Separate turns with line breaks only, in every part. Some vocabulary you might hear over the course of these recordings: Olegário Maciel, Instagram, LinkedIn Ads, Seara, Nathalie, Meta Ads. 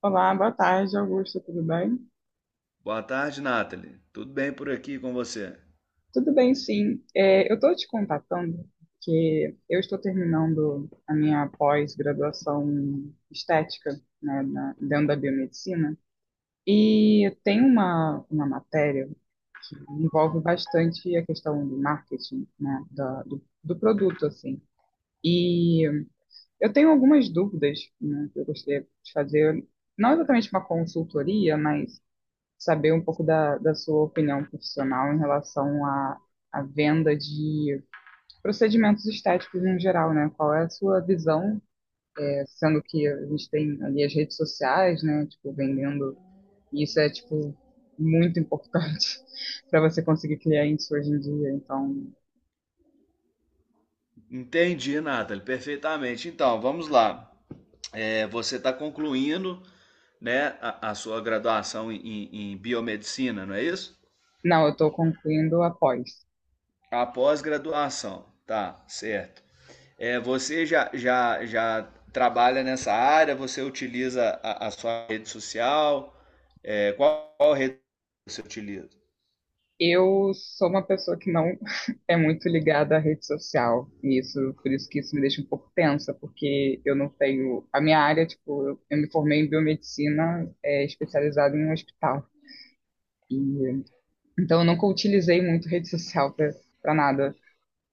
Olá, boa tarde, Augusto, tudo bem?
Boa tarde, Nathalie. Tudo bem por aqui com você?
Tudo bem, sim. Eu estou te contatando porque eu estou terminando a minha pós-graduação estética, né, dentro da biomedicina, e tem uma matéria que envolve bastante a questão do marketing, né, do produto, assim. E eu tenho algumas dúvidas, né, que eu gostaria de fazer, não exatamente uma consultoria, mas saber um pouco da sua opinião profissional em relação à venda de procedimentos estéticos no geral, né? Qual é a sua visão? Sendo que a gente tem ali as redes sociais, né? Tipo, vendendo, e isso é, tipo, muito importante para você conseguir clientes hoje em dia. Então,
Entendi, Nathalie, perfeitamente. Então, vamos lá. Você está concluindo, né, a sua graduação em, biomedicina, não é isso?
não, eu estou concluindo após.
A pós-graduação, tá, certo. Você já trabalha nessa área? Você utiliza a sua rede social? Qual rede você utiliza?
Eu sou uma pessoa que não é muito ligada à rede social, e isso, por isso que isso me deixa um pouco tensa, porque eu não tenho. A minha área, tipo, eu me formei em biomedicina, especializada em um hospital. E então, eu nunca utilizei muito rede social para nada,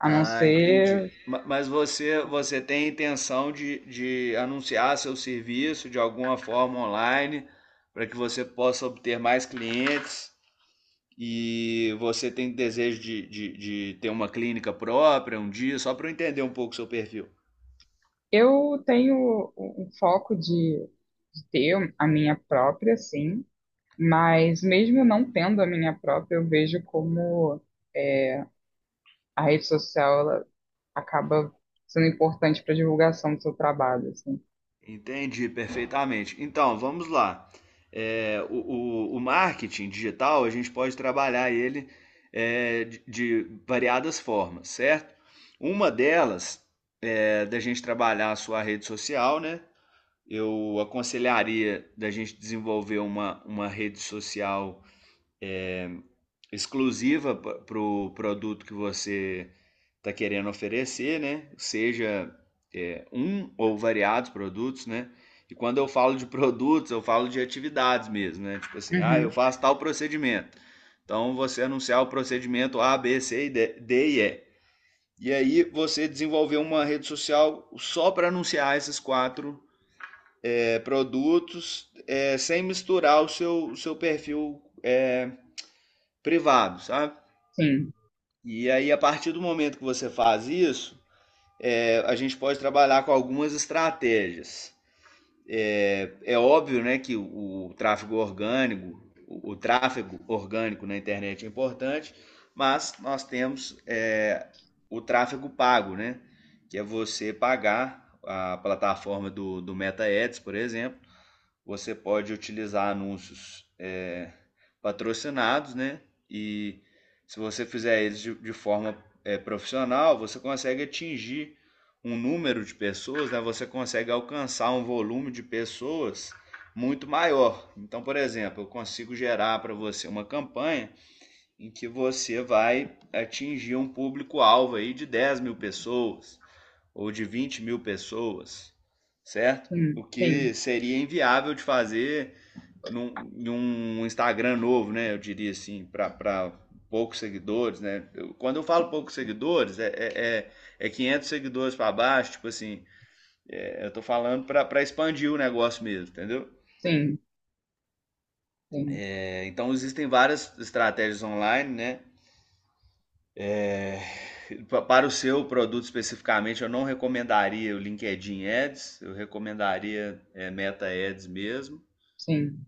a não
Ah, entendi.
ser.
Mas você, você tem intenção de anunciar seu serviço de alguma forma online para que você possa obter mais clientes e você tem desejo de ter uma clínica própria um dia, só para eu entender um pouco o seu perfil.
Eu tenho um foco de ter a minha própria, sim, mas mesmo não tendo a minha própria, eu vejo como. A rede social ela acaba sendo importante para divulgação do seu trabalho, assim.
Entendi perfeitamente. Então, vamos lá. É, o marketing digital, a gente pode trabalhar ele de variadas formas, certo? Uma delas é da gente trabalhar a sua rede social, né? Eu aconselharia da gente desenvolver uma rede social exclusiva para o produto que você está querendo oferecer, né? Seja um ou variados produtos, né? E quando eu falo de produtos, eu falo de atividades mesmo, né? Tipo assim, ah, eu
Uhum.
faço tal procedimento. Então você anunciar o procedimento A, B, C, D e E. E aí você desenvolveu uma rede social só para anunciar esses quatro produtos, sem misturar o seu perfil privado, sabe?
Sim,
E aí, a partir do momento que você faz isso, a gente pode trabalhar com algumas estratégias. É óbvio né, que o tráfego orgânico, tráfego orgânico na internet é importante, mas nós temos o tráfego pago, né, que é você pagar a plataforma do Meta Ads, por exemplo, você pode utilizar anúncios patrocinados, né? E se você fizer eles de forma profissional, você consegue atingir um número de pessoas, né? Você consegue alcançar um volume de pessoas muito maior. Então, por exemplo, eu consigo gerar para você uma campanha em que você vai atingir um público-alvo aí de 10 mil pessoas, ou de 20 mil pessoas, certo?
sim,
O
sim,
que seria inviável de fazer num Instagram novo, né? Eu diria assim, para poucos seguidores, né? Eu, quando eu falo poucos seguidores, é, é 500 seguidores para baixo, tipo assim, eu tô falando para expandir o negócio mesmo, entendeu?
sim, sim,
Então existem várias estratégias online, né? Para o seu produto especificamente, eu não recomendaria o LinkedIn Ads, eu recomendaria Meta Ads mesmo.
sim.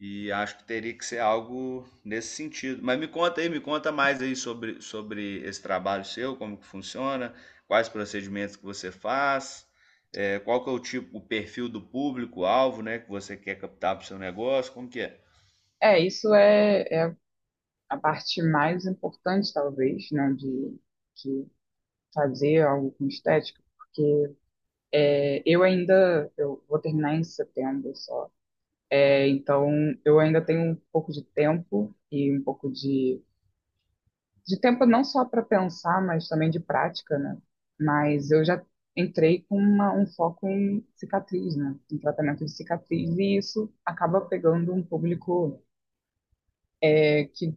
E acho que teria que ser algo nesse sentido. Mas me conta aí, me conta mais aí sobre, sobre esse trabalho seu, como que funciona, quais procedimentos que você faz, qual que é o tipo, o perfil do público-alvo, né, que você quer captar para o seu negócio, como que é?
Isso é a parte mais importante, talvez, né, de fazer algo com estética, porque eu ainda, eu vou terminar em setembro só. É, então eu ainda tenho um pouco de tempo e um pouco de tempo, não só para pensar, mas também de prática, né? Mas eu já entrei com um foco em cicatriz, né? Em tratamento de cicatriz, e isso acaba pegando um público que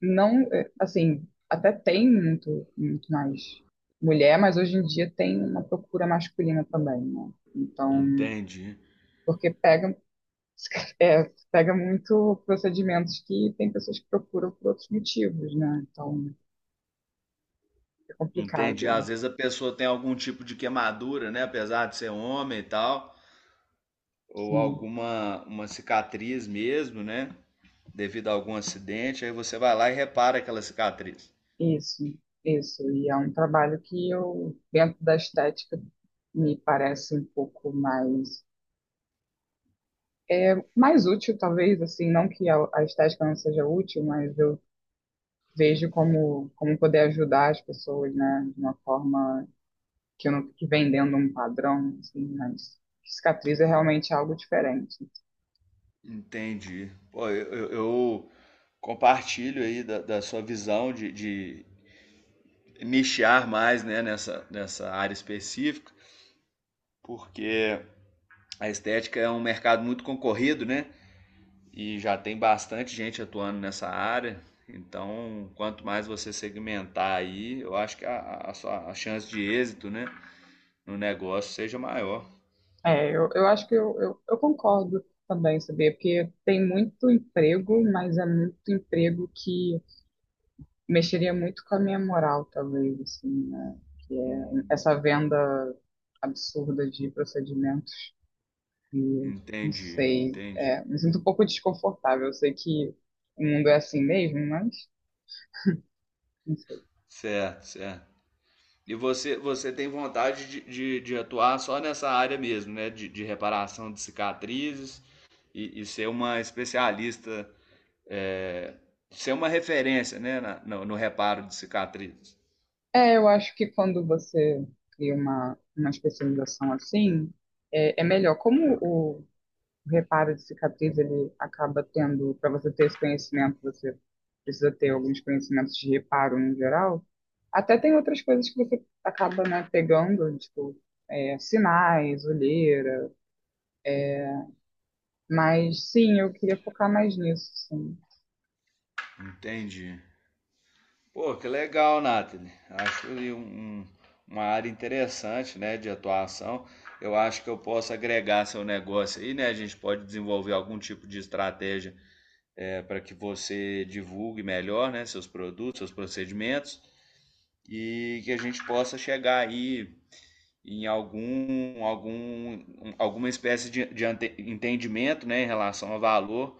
não, é, assim, até tem muito, muito mais mulher, mas hoje em dia tem uma procura masculina também, né? Então,
Entendi.
porque pega, é, pega muito procedimentos que tem pessoas que procuram por outros motivos, né? Então, é
Entendi.
complicado,
Às vezes a pessoa tem algum tipo de queimadura, né, apesar de ser homem e tal, ou
sim.
alguma uma cicatriz mesmo, né, devido a algum acidente, aí você vai lá e repara aquela cicatriz.
Isso, isso. E é um trabalho que eu, dentro da estética, me parece um pouco mais, mais útil, talvez, assim, não que a estética não seja útil, mas eu vejo como, como poder ajudar as pessoas, né, de uma forma que eu não fique vendendo um padrão, assim, mas cicatriz é realmente algo diferente.
Entendi. Pô, eu compartilho aí da, da sua visão de nichar mais, né, nessa área específica, porque a estética é um mercado muito concorrido, né? E já tem bastante gente atuando nessa área. Então, quanto mais você segmentar aí, eu acho que a sua a chance de êxito, né, no negócio seja maior.
Eu acho que eu concordo também, sabia? Porque tem muito emprego, mas é muito emprego que mexeria muito com a minha moral, talvez, assim, né? Que é essa venda absurda de procedimentos que, não
Entendi,
sei,
entendi.
me sinto um pouco desconfortável. Eu sei que o mundo é assim mesmo, mas não sei.
Certo, certo. E você, você tem vontade de atuar só nessa área mesmo, né? De reparação de cicatrizes e ser uma especialista, é, ser uma referência, né? No, no reparo de cicatrizes.
É, eu acho que quando você cria uma especialização assim, é melhor. Como o reparo de cicatriz, ele acaba tendo, para você ter esse conhecimento, você precisa ter alguns conhecimentos de reparo no geral. Até tem outras coisas que você acaba, né, pegando, tipo, sinais, olheira. Mas sim, eu queria focar mais nisso, sim.
Entendi. Pô, que legal, Nathalie. Acho ali um, um- uma área interessante, né? De atuação. Eu acho que eu posso agregar seu negócio aí, né? A gente pode desenvolver algum tipo de estratégia para que você divulgue melhor, né, seus produtos, seus procedimentos e que a gente possa chegar aí em algum alguma espécie de entendimento né, em relação ao valor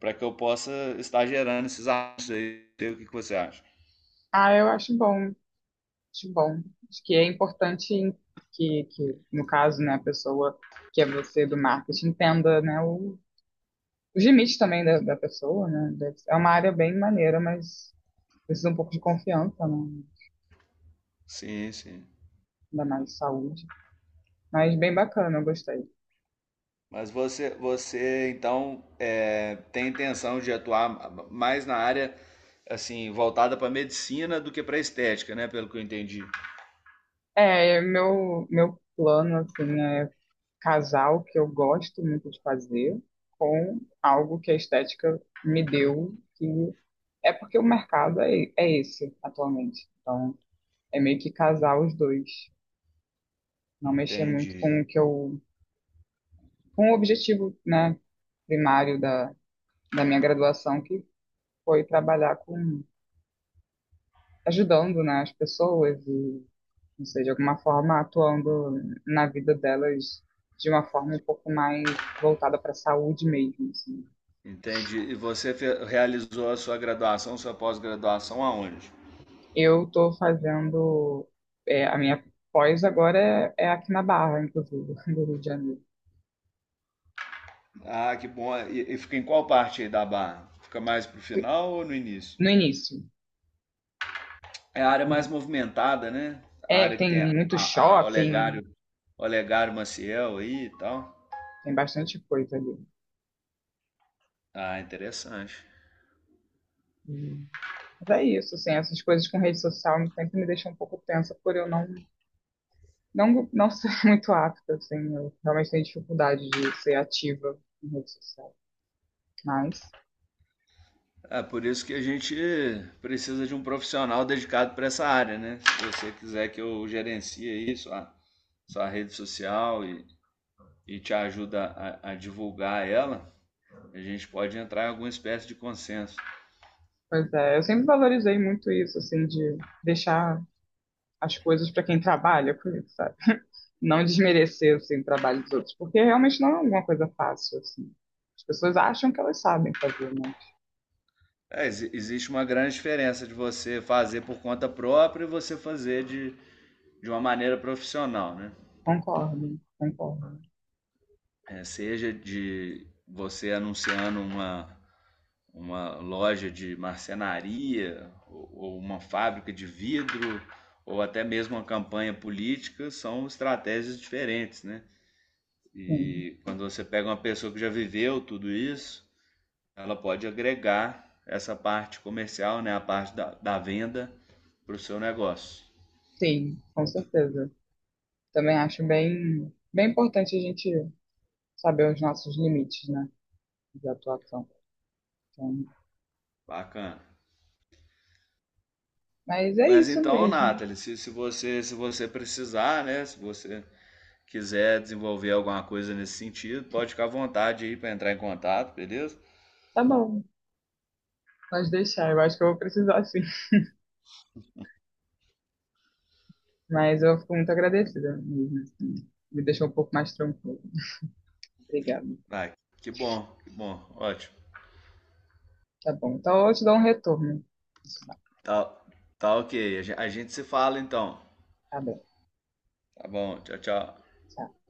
para que eu possa estar gerando esses atos aí. O que que você acha?
Ah, eu acho bom, acho bom. Acho que é importante que no caso, né, a pessoa que é você do marketing entenda, né, os limites também da pessoa, né? É uma área bem maneira, mas precisa um pouco de confiança, né?
Sim, sim.
Ainda mais de saúde. Mas bem bacana, eu gostei.
Mas você, você então tem intenção de atuar mais na área assim voltada para medicina do que para estética, né? Pelo que eu entendi.
É, meu plano, assim, é casar o que eu gosto muito de fazer com algo que a estética me deu, que é porque o mercado é esse atualmente. Então, é meio que casar os dois. Não mexer muito
Entendi.
com o que eu, com o objetivo, né, primário da minha graduação, que foi trabalhar com, ajudando, né, as pessoas e não sei, de alguma forma atuando na vida delas de uma forma um pouco mais voltada para a saúde mesmo, assim.
Entendi. E você realizou a sua graduação, sua pós-graduação aonde?
Eu estou fazendo, a minha pós agora é aqui na Barra, inclusive, do Rio de Janeiro.
Ah, que bom. E fica em qual parte aí da barra? Fica mais pro final ou no início?
No início.
É a área mais movimentada, né? A
É,
área que
tem
tem
muito
a
shopping,
Olegário, Olegário Maciel aí e tal.
tem bastante coisa ali.
Ah, interessante.
Hum. Mas é isso, assim, essas coisas com rede social sempre me deixam um pouco tensa por eu não ser muito apta, assim, eu realmente tenho dificuldade de ser ativa em rede social. Mas,
É por isso que a gente precisa de um profissional dedicado para essa área, né? Se você quiser que eu gerencie aí sua, sua rede social e te ajuda a divulgar ela, a gente pode entrar em alguma espécie de consenso.
pois é, eu sempre valorizei muito isso, assim, de deixar as coisas para quem trabalha com isso, sabe? Não desmerecer, assim, o trabalho dos outros, porque realmente não é alguma coisa fácil, assim. As pessoas acham que elas sabem fazer, mas
Existe uma grande diferença de você fazer por conta própria e você fazer de uma maneira profissional, né?
concordo, concordo.
É, seja de você anunciando uma loja de marcenaria, ou uma fábrica de vidro, ou até mesmo uma campanha política, são estratégias diferentes, né?
Sim,
E quando você pega uma pessoa que já viveu tudo isso, ela pode agregar essa parte comercial, né? A parte da venda para o seu negócio.
sim, com certeza. Também acho bem, bem importante a gente saber os nossos limites, né, de atuação. Então,
Bacana.
mas é
Mas
isso
então,
mesmo.
Nathalie, se você precisar, né? Se você quiser desenvolver alguma coisa nesse sentido, pode ficar à vontade aí para entrar em contato, beleza?
Tá bom, pode deixar, eu acho que eu vou precisar, sim. Mas eu fico muito agradecida mesmo, assim. Me deixou um pouco mais tranquilo. Obrigada.
Ah, que bom, ótimo.
Tá bom. Então eu te dou um retorno.
Tá, tá ok. A gente se fala então.
Tá bem.
Tá bom, tchau, tchau.
Tchau.